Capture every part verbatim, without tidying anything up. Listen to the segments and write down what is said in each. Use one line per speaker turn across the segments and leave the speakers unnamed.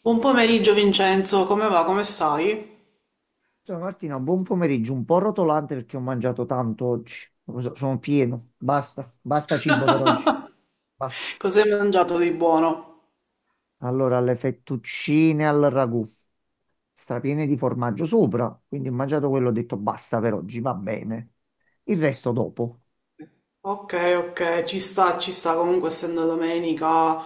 Buon pomeriggio Vincenzo, come va? Come stai?
Ciao Martina, buon pomeriggio, un po' rotolante perché ho mangiato tanto oggi, Lo So- sono pieno, basta, basta cibo per oggi, basta.
Cos'hai mangiato di buono?
Allora, le fettuccine al ragù, strapiene di formaggio sopra, quindi ho mangiato quello, ho detto basta per oggi, va bene. Il resto dopo.
Ok, ok, ci sta, ci sta, comunque essendo domenica,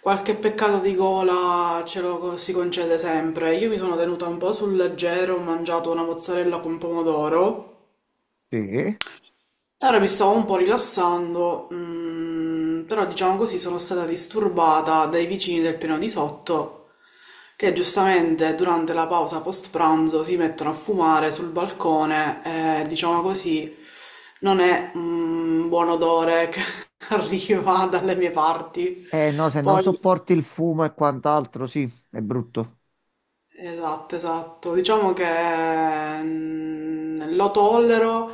qualche peccato di gola ce lo co- si concede sempre. Io mi sono tenuta un po' sul leggero, ho mangiato una mozzarella con pomodoro.
Sì.
Allora mi stavo un po' rilassando, mm, però diciamo così sono stata disturbata dai vicini del piano di sotto che giustamente durante la pausa post pranzo si mettono a fumare sul balcone, e diciamo così non è un buon odore che arriva dalle mie parti.
Eh no, se non
Poi
sopporti il fumo e quant'altro, sì, è brutto.
esatto, esatto. Diciamo che mm, lo tollero,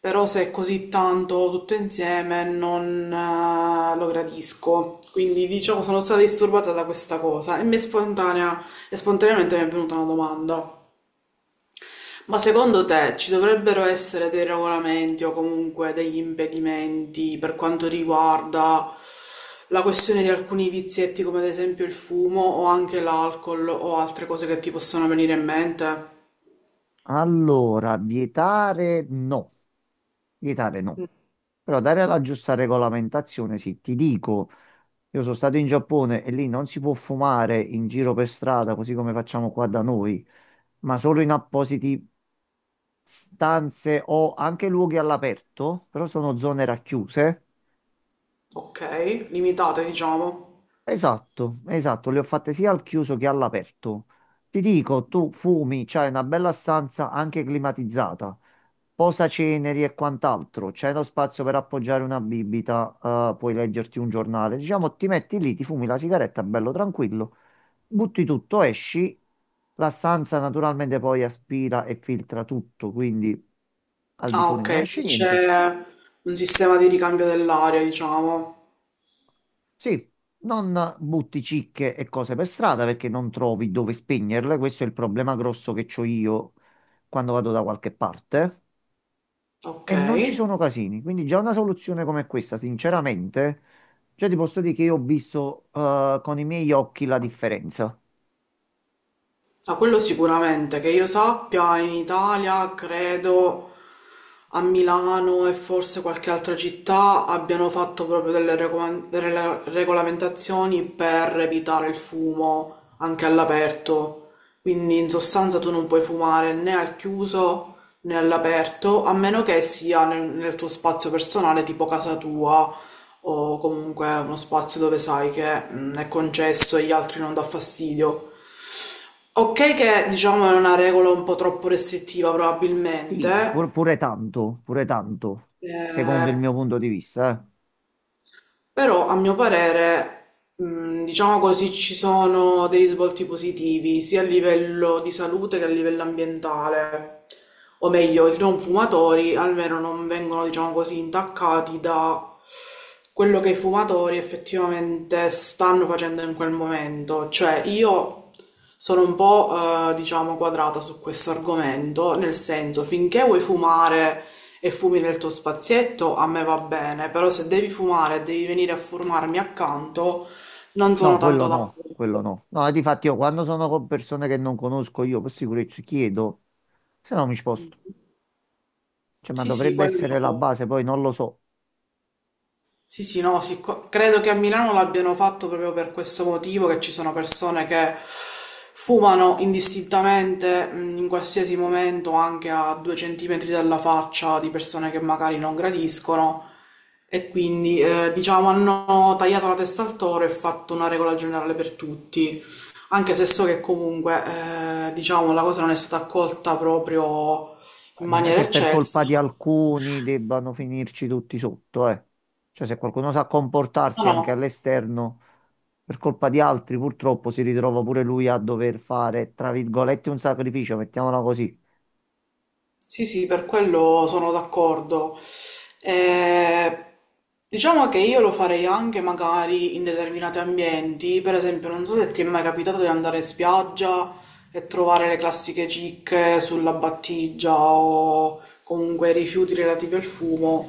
però se è così tanto tutto insieme non eh, lo gradisco. Quindi diciamo sono stata disturbata da questa cosa e mi è spontanea, e spontaneamente mi è venuta una domanda. Ma secondo te ci dovrebbero essere dei regolamenti o comunque degli impedimenti per quanto riguarda la questione di alcuni vizietti come ad esempio il fumo o anche l'alcol o altre cose che ti possono venire in mente?
Allora, vietare no, vietare no. Però dare la giusta regolamentazione, sì, ti dico, io sono stato in Giappone e lì non si può fumare in giro per strada, così come facciamo qua da noi, ma solo in appositi stanze o anche luoghi all'aperto, però sono zone racchiuse.
Ok, limitate diciamo.
Esatto, esatto, le ho fatte sia al chiuso che all'aperto. Ti dico, tu fumi, c'hai una bella stanza anche climatizzata, posaceneri e quant'altro, c'è lo spazio per appoggiare una bibita, eh, puoi leggerti un giornale, diciamo, ti metti lì, ti fumi la sigaretta, bello tranquillo. Butti tutto, esci, la stanza naturalmente poi aspira e filtra tutto, quindi al di
Ah
fuori non
ok,
esce
quindi
niente.
c'è un sistema di ricambio dell'aria diciamo.
Sì, non butti cicche e cose per strada perché non trovi dove spegnerle, questo è il problema grosso che ho io quando vado da qualche parte
Ok.
e non ci sono casini, quindi già una soluzione come questa, sinceramente, già ti posso dire che io ho visto eh, con i miei occhi la differenza.
Ah, quello sicuramente, che io sappia, in Italia credo a Milano e forse qualche altra città abbiano fatto proprio delle recoma- delle regolamentazioni per evitare il fumo anche all'aperto. Quindi in sostanza tu non puoi fumare né al chiuso né all'aperto, a meno che sia nel, nel tuo spazio personale, tipo casa tua o comunque uno spazio dove sai che mm, è concesso e gli altri non dà fastidio. Ok che diciamo è una regola un po' troppo restrittiva
Sì,
probabilmente,
pur- pure tanto, pure tanto, secondo il
eh,
mio punto di vista, eh.
però a mio parere, mh, diciamo così, ci sono dei risvolti positivi sia a livello di salute che a livello ambientale. O meglio, i non fumatori almeno non vengono, diciamo così, intaccati da quello che i fumatori effettivamente stanno facendo in quel momento. Cioè io sono un po', eh, diciamo, quadrata su questo argomento, nel senso, finché vuoi fumare e fumi nel tuo spazietto, a me va bene, però se devi fumare e devi venire a fumarmi accanto, non sono
No, quello
tanto d'accordo.
no, quello no. No, difatti io quando sono con persone che non conosco io per sicurezza chiedo, se no mi sposto. Cioè, ma
Sì, sì,
dovrebbe
quello.
essere la base, poi non lo so.
Sì, sì, no, sì, qua- credo che a Milano l'abbiano fatto proprio per questo motivo, che ci sono persone che fumano indistintamente mh, in qualsiasi momento, anche a due centimetri dalla faccia di persone che magari non gradiscono, e quindi eh, diciamo hanno tagliato la testa al toro e fatto una regola generale per tutti, anche se so che comunque eh, diciamo la cosa non è stata accolta proprio
Ma
in
non è
maniera
che per
eccelsa.
colpa di alcuni debbano finirci tutti sotto, eh. Cioè, se qualcuno sa comportarsi
No,
anche
no.
all'esterno, per colpa di altri purtroppo si ritrova pure lui a dover fare, tra virgolette, un sacrificio, mettiamola così.
Sì, sì, per quello sono d'accordo. Eh, diciamo che io lo farei anche magari in determinati ambienti, per esempio, non so se ti è mai capitato di andare in spiaggia e trovare le classiche cicche sulla battigia o comunque rifiuti relativi al fumo,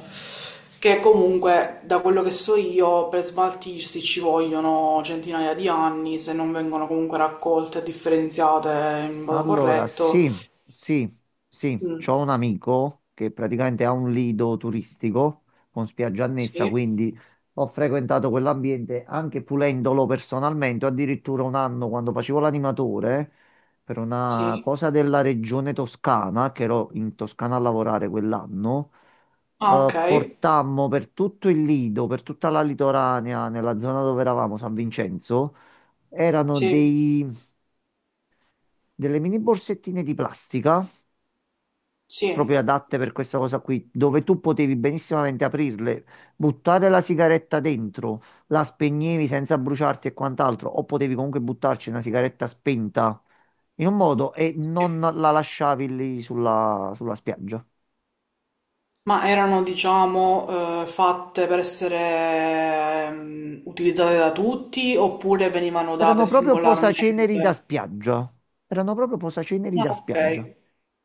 che comunque, da quello che so io, per smaltirsi ci vogliono centinaia di anni se non vengono comunque raccolte e differenziate in modo
Allora,
corretto.
sì, sì, sì,
Mm,
c'ho un amico che praticamente ha un lido turistico con spiaggia annessa,
sì.
quindi ho frequentato quell'ambiente anche pulendolo personalmente, addirittura un anno quando facevo l'animatore per una
Sì.
cosa della regione Toscana, che ero in Toscana a lavorare quell'anno,
Ah,
eh,
okay.
portammo per tutto il lido, per tutta la litoranea, nella zona dove eravamo, San Vincenzo, erano
Sì,
dei delle mini borsettine di plastica
sì,
proprio adatte per questa cosa qui, dove tu potevi benissimamente aprirle, buttare la sigaretta dentro, la spegnevi senza bruciarti e quant'altro, o potevi comunque buttarci una sigaretta spenta in un modo e
sì.
non la lasciavi lì sulla, sulla spiaggia.
Ma erano, diciamo, ehm, fatte per essere, ehm, utilizzate da tutti oppure venivano
Erano
date
proprio posaceneri da
singolarmente?
spiaggia. Erano proprio posaceneri
Ah,
da spiaggia.
okay.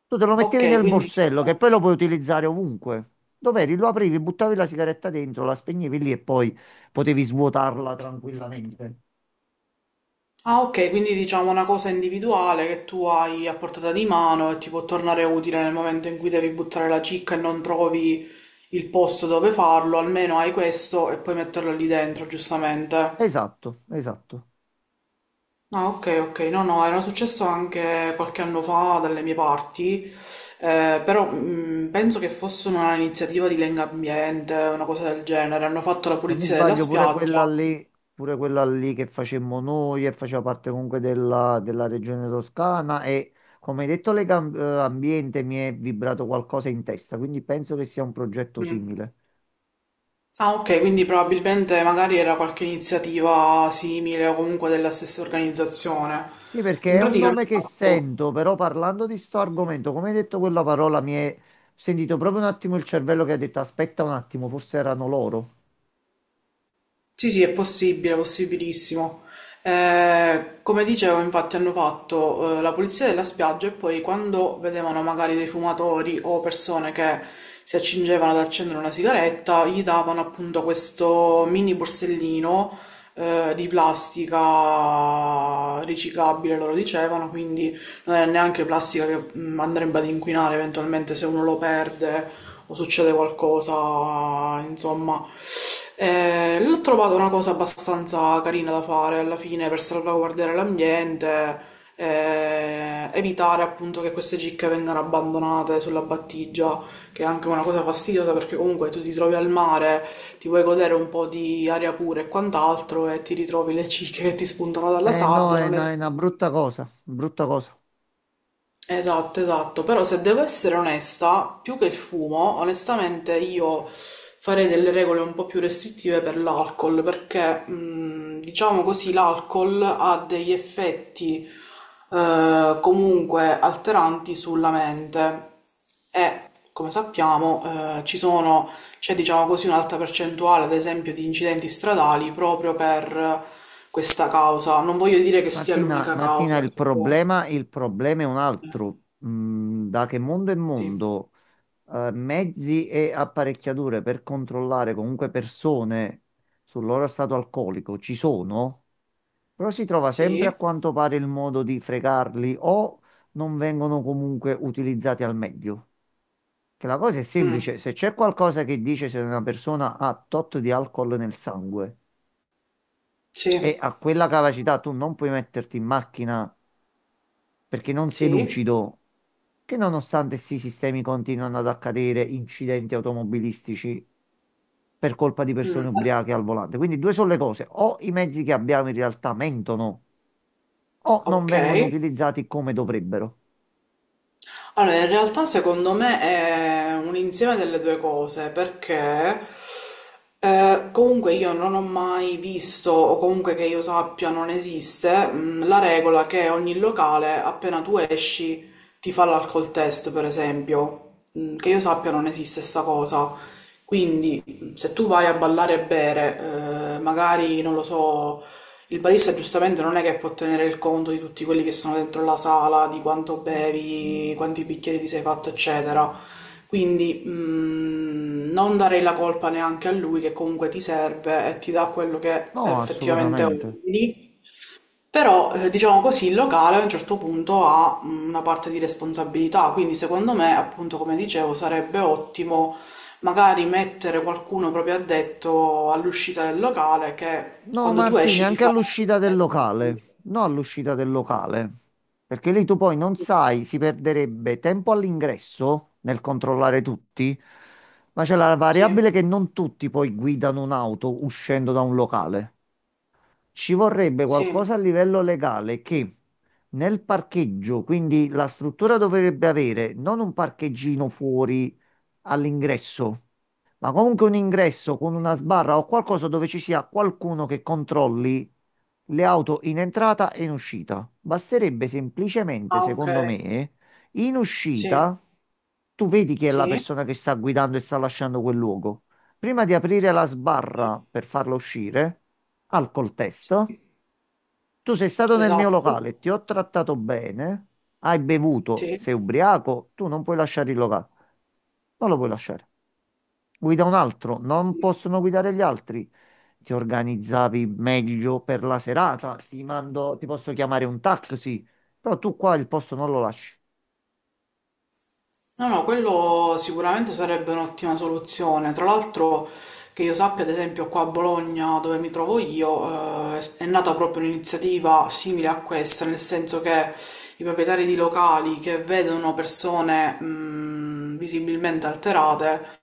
Tu te lo mettevi
Okay,
nel
quindi
borsello che
diciamo
poi lo puoi utilizzare ovunque. Dov'eri? Lo aprivi, buttavi la sigaretta dentro, la spegnevi lì e poi potevi svuotarla tranquillamente.
ah, okay, quindi diciamo una cosa individuale che tu hai a portata di mano e ti può tornare utile nel momento in cui devi buttare la cicca e non trovi il posto dove farlo, almeno hai questo e puoi metterlo lì dentro, giustamente.
Esatto, esatto.
Ah, ok, ok, no, no, era successo anche qualche anno fa dalle mie parti, eh, però mh, penso che fosse un'iniziativa di Lenga Ambiente, una cosa del genere, hanno fatto la
Se non mi
pulizia della
sbaglio, pure
spiaggia.
quella lì, pure quella lì che facemmo noi e faceva parte comunque della, della regione toscana e come hai detto l'ambiente mi è vibrato qualcosa in testa, quindi penso che sia un progetto
Mm.
simile.
Ah, ok, quindi probabilmente magari era qualche iniziativa simile o comunque della stessa organizzazione.
Sì, perché
In
è un
pratica hanno
nome che
fatto...
sento, però parlando di sto argomento, come hai detto quella parola, mi è sentito proprio un attimo il cervello che ha detto aspetta un attimo, forse erano loro.
Sì, sì, è possibile, è possibilissimo. Eh, come dicevo, infatti, hanno fatto eh, la pulizia della spiaggia e poi quando vedevano magari dei fumatori o persone che si accingevano ad accendere una sigaretta, gli davano appunto questo mini borsellino eh, di plastica riciclabile, loro dicevano, quindi non è neanche plastica che mm, andrebbe ad inquinare eventualmente se uno lo perde o succede qualcosa, insomma. Eh, l'ho trovato una cosa abbastanza carina da fare alla fine per salvaguardare l'ambiente, eh, evitare appunto che queste cicche vengano abbandonate sulla battigia, che è anche una cosa fastidiosa perché comunque tu ti trovi al mare, ti vuoi godere un po' di aria pura e quant'altro e ti ritrovi le cicche che ti spuntano dalla
Eh no,
sabbia,
è
non
una,
è.
è una brutta cosa, brutta cosa.
Esatto, esatto, però se devo essere onesta, più che il fumo, onestamente io farei delle regole un po' più restrittive per l'alcol, perché mh, diciamo così l'alcol ha degli effetti eh, comunque alteranti sulla mente e come sappiamo eh, ci sono, c'è diciamo così un'alta percentuale ad esempio di incidenti stradali proprio per questa causa. Non voglio dire che sia
Martina,
l'unica
Martina,
causa,
il
che può-
problema, il problema è un altro. Mm, da che mondo è
sì,
mondo, eh, mezzi e apparecchiature per controllare comunque persone sul loro stato alcolico ci sono, però si trova sempre a
sì.
quanto pare il modo di fregarli o non vengono comunque utilizzati al meglio. Che la cosa è semplice, se c'è qualcosa che dice se una persona ha tot di alcol nel sangue
Sì,
e a quella capacità tu non puoi metterti in macchina perché non sei
sì,
lucido, che nonostante sì, i sistemi continuano ad accadere incidenti automobilistici per colpa di persone ubriache al volante. Quindi due sono le cose, o i mezzi che abbiamo in realtà mentono, o non
ok.
vengono utilizzati come dovrebbero.
Allora, in realtà secondo me è un insieme delle due cose, perché eh, comunque io non ho mai visto, o comunque che io sappia non esiste, mh, la regola che ogni locale, appena tu esci, ti fa l'alcol test, per esempio. Mh, che io sappia non esiste sta cosa. Quindi, mh, se tu vai a ballare e bere, eh, magari, non lo so. Il barista giustamente non è che può tenere il conto di tutti quelli che sono dentro la sala, di quanto bevi, quanti bicchieri ti sei fatto, eccetera. Quindi mh, non darei la colpa neanche a lui che comunque ti serve e ti dà quello che
No,
effettivamente
assolutamente.
ordini. Però, eh, diciamo così, il locale a un certo punto ha mh, una parte di responsabilità, quindi secondo me, appunto, come dicevo, sarebbe ottimo magari mettere qualcuno proprio addetto all'uscita del locale che
No,
quando tu
Martini,
esci ti
anche
fa la
all'uscita del
sicurezza.
locale. No, all'uscita del locale. Perché lì tu poi non sai, si perderebbe tempo all'ingresso nel controllare tutti, ma c'è la
Sì,
variabile che non tutti poi guidano un'auto uscendo da un locale. Ci vorrebbe
sì.
qualcosa a livello legale che nel parcheggio, quindi la struttura dovrebbe avere non un parcheggino fuori all'ingresso, ma comunque un ingresso con una sbarra o qualcosa dove ci sia qualcuno che controlli le auto in entrata e in uscita. Basterebbe semplicemente,
Ah, ok.
secondo me, in
Sì,
uscita tu vedi chi è la
sì,
persona che sta guidando e sta lasciando quel luogo. Prima di aprire la
sì.
sbarra per farlo uscire, alcol test,
Sì.
tu sei stato nel mio
Esatto.
locale, ti ho trattato bene, hai bevuto,
Sì.
sei ubriaco, tu non puoi lasciare il locale, non lo puoi lasciare. Guida un altro, non
Sì.
possono guidare gli altri. Ti organizzavi meglio per la serata, ti mando, ti posso chiamare un taxi, però tu qua il posto non lo lasci.
No, no, quello sicuramente sarebbe un'ottima soluzione. Tra l'altro, che io sappia, ad esempio, qua a Bologna, dove mi trovo io, eh, è nata proprio un'iniziativa simile a questa, nel senso che i proprietari di locali che vedono persone, mh, visibilmente alterate,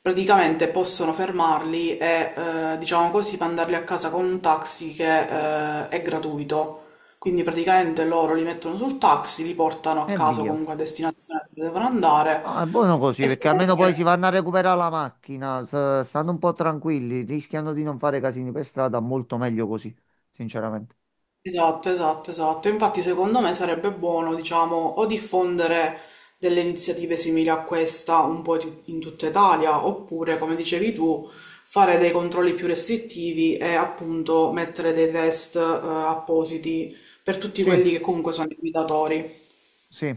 praticamente possono fermarli e, eh, diciamo così, mandarli a casa con un taxi che, eh, è gratuito. Quindi praticamente loro li mettono sul taxi, li portano a
E
casa o
via.
comunque a destinazione dove devono andare.
Ah, è buono così perché almeno poi si
Estetica.
vanno a recuperare la macchina, s- stanno un po' tranquilli, rischiano di non fare casini per strada, molto meglio così, sinceramente.
Esatto, esatto, esatto. Infatti, secondo me sarebbe buono, diciamo, o diffondere delle iniziative simili a questa un po' di- in tutta Italia, oppure, come dicevi tu, fare dei controlli più restrittivi e appunto mettere dei test, eh, appositi per tutti
Sì,
quelli che comunque sono i guidatori.
sì.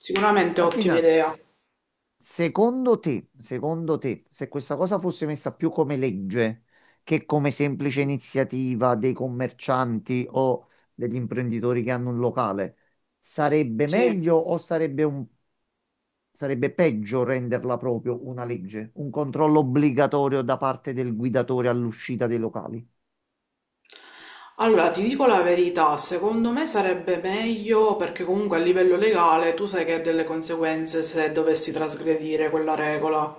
Sicuramente ottima
Martina,
idea.
secondo te, secondo te, se questa cosa fosse messa più come legge che come semplice iniziativa dei commercianti o degli imprenditori che hanno un locale, sarebbe
Sì.
meglio o sarebbe un... Sarebbe peggio renderla proprio una legge, un controllo obbligatorio da parte del guidatore all'uscita dei locali.
Allora, ti dico la verità, secondo me sarebbe meglio perché comunque a livello legale tu sai che ha delle conseguenze se dovessi trasgredire quella regola.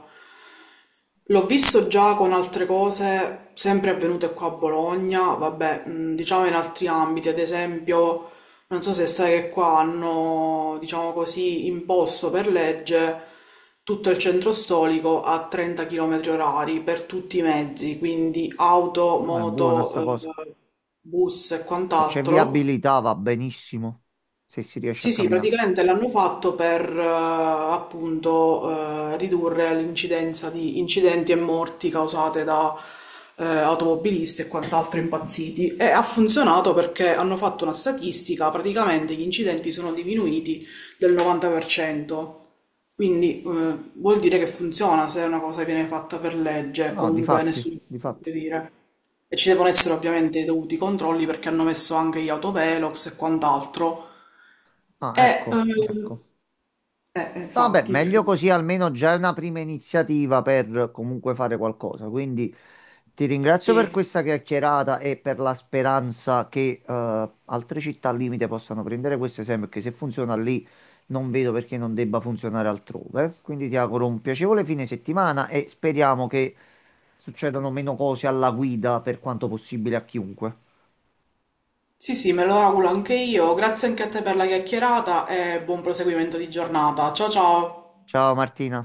L'ho visto già con altre cose, sempre avvenute qua a Bologna, vabbè, mh, diciamo in altri ambiti, ad esempio non so se sai che qua hanno, diciamo così, imposto per legge tutto il centro storico a trenta chilometri orari per tutti i mezzi, quindi auto,
Ah, ma è buona sta
moto, eh,
cosa.
bus e
Se c'è
quant'altro.
viabilità va benissimo, se si riesce a
Sì, sì,
camminare.
praticamente l'hanno fatto per eh, appunto eh, ridurre l'incidenza di incidenti e morti causate da eh, automobilisti e quant'altro impazziti e ha funzionato perché hanno fatto una statistica, praticamente gli incidenti sono diminuiti del novanta per cento, quindi eh, vuol dire che funziona se una cosa viene fatta per
No,
legge,
no,
comunque
difatti,
nessuno può
difatti.
dire. E ci devono essere ovviamente i dovuti controlli perché hanno messo anche gli autovelox e quant'altro
Ah,
eh,
ecco,
ehm,
ecco.
eh, eh,
Vabbè,
infatti, perché
meglio così almeno già è una prima iniziativa per comunque fare qualcosa. Quindi ti ringrazio per
sì,
questa chiacchierata e per la speranza che eh, altre città al limite possano prendere questo esempio, perché se funziona lì non vedo perché non debba funzionare altrove. Quindi ti auguro un piacevole fine settimana e speriamo che succedano meno cose alla guida per quanto possibile a chiunque.
sì, sì, me lo auguro anche io. Grazie anche a te per la chiacchierata e buon proseguimento di giornata. Ciao ciao!
Ciao Martina.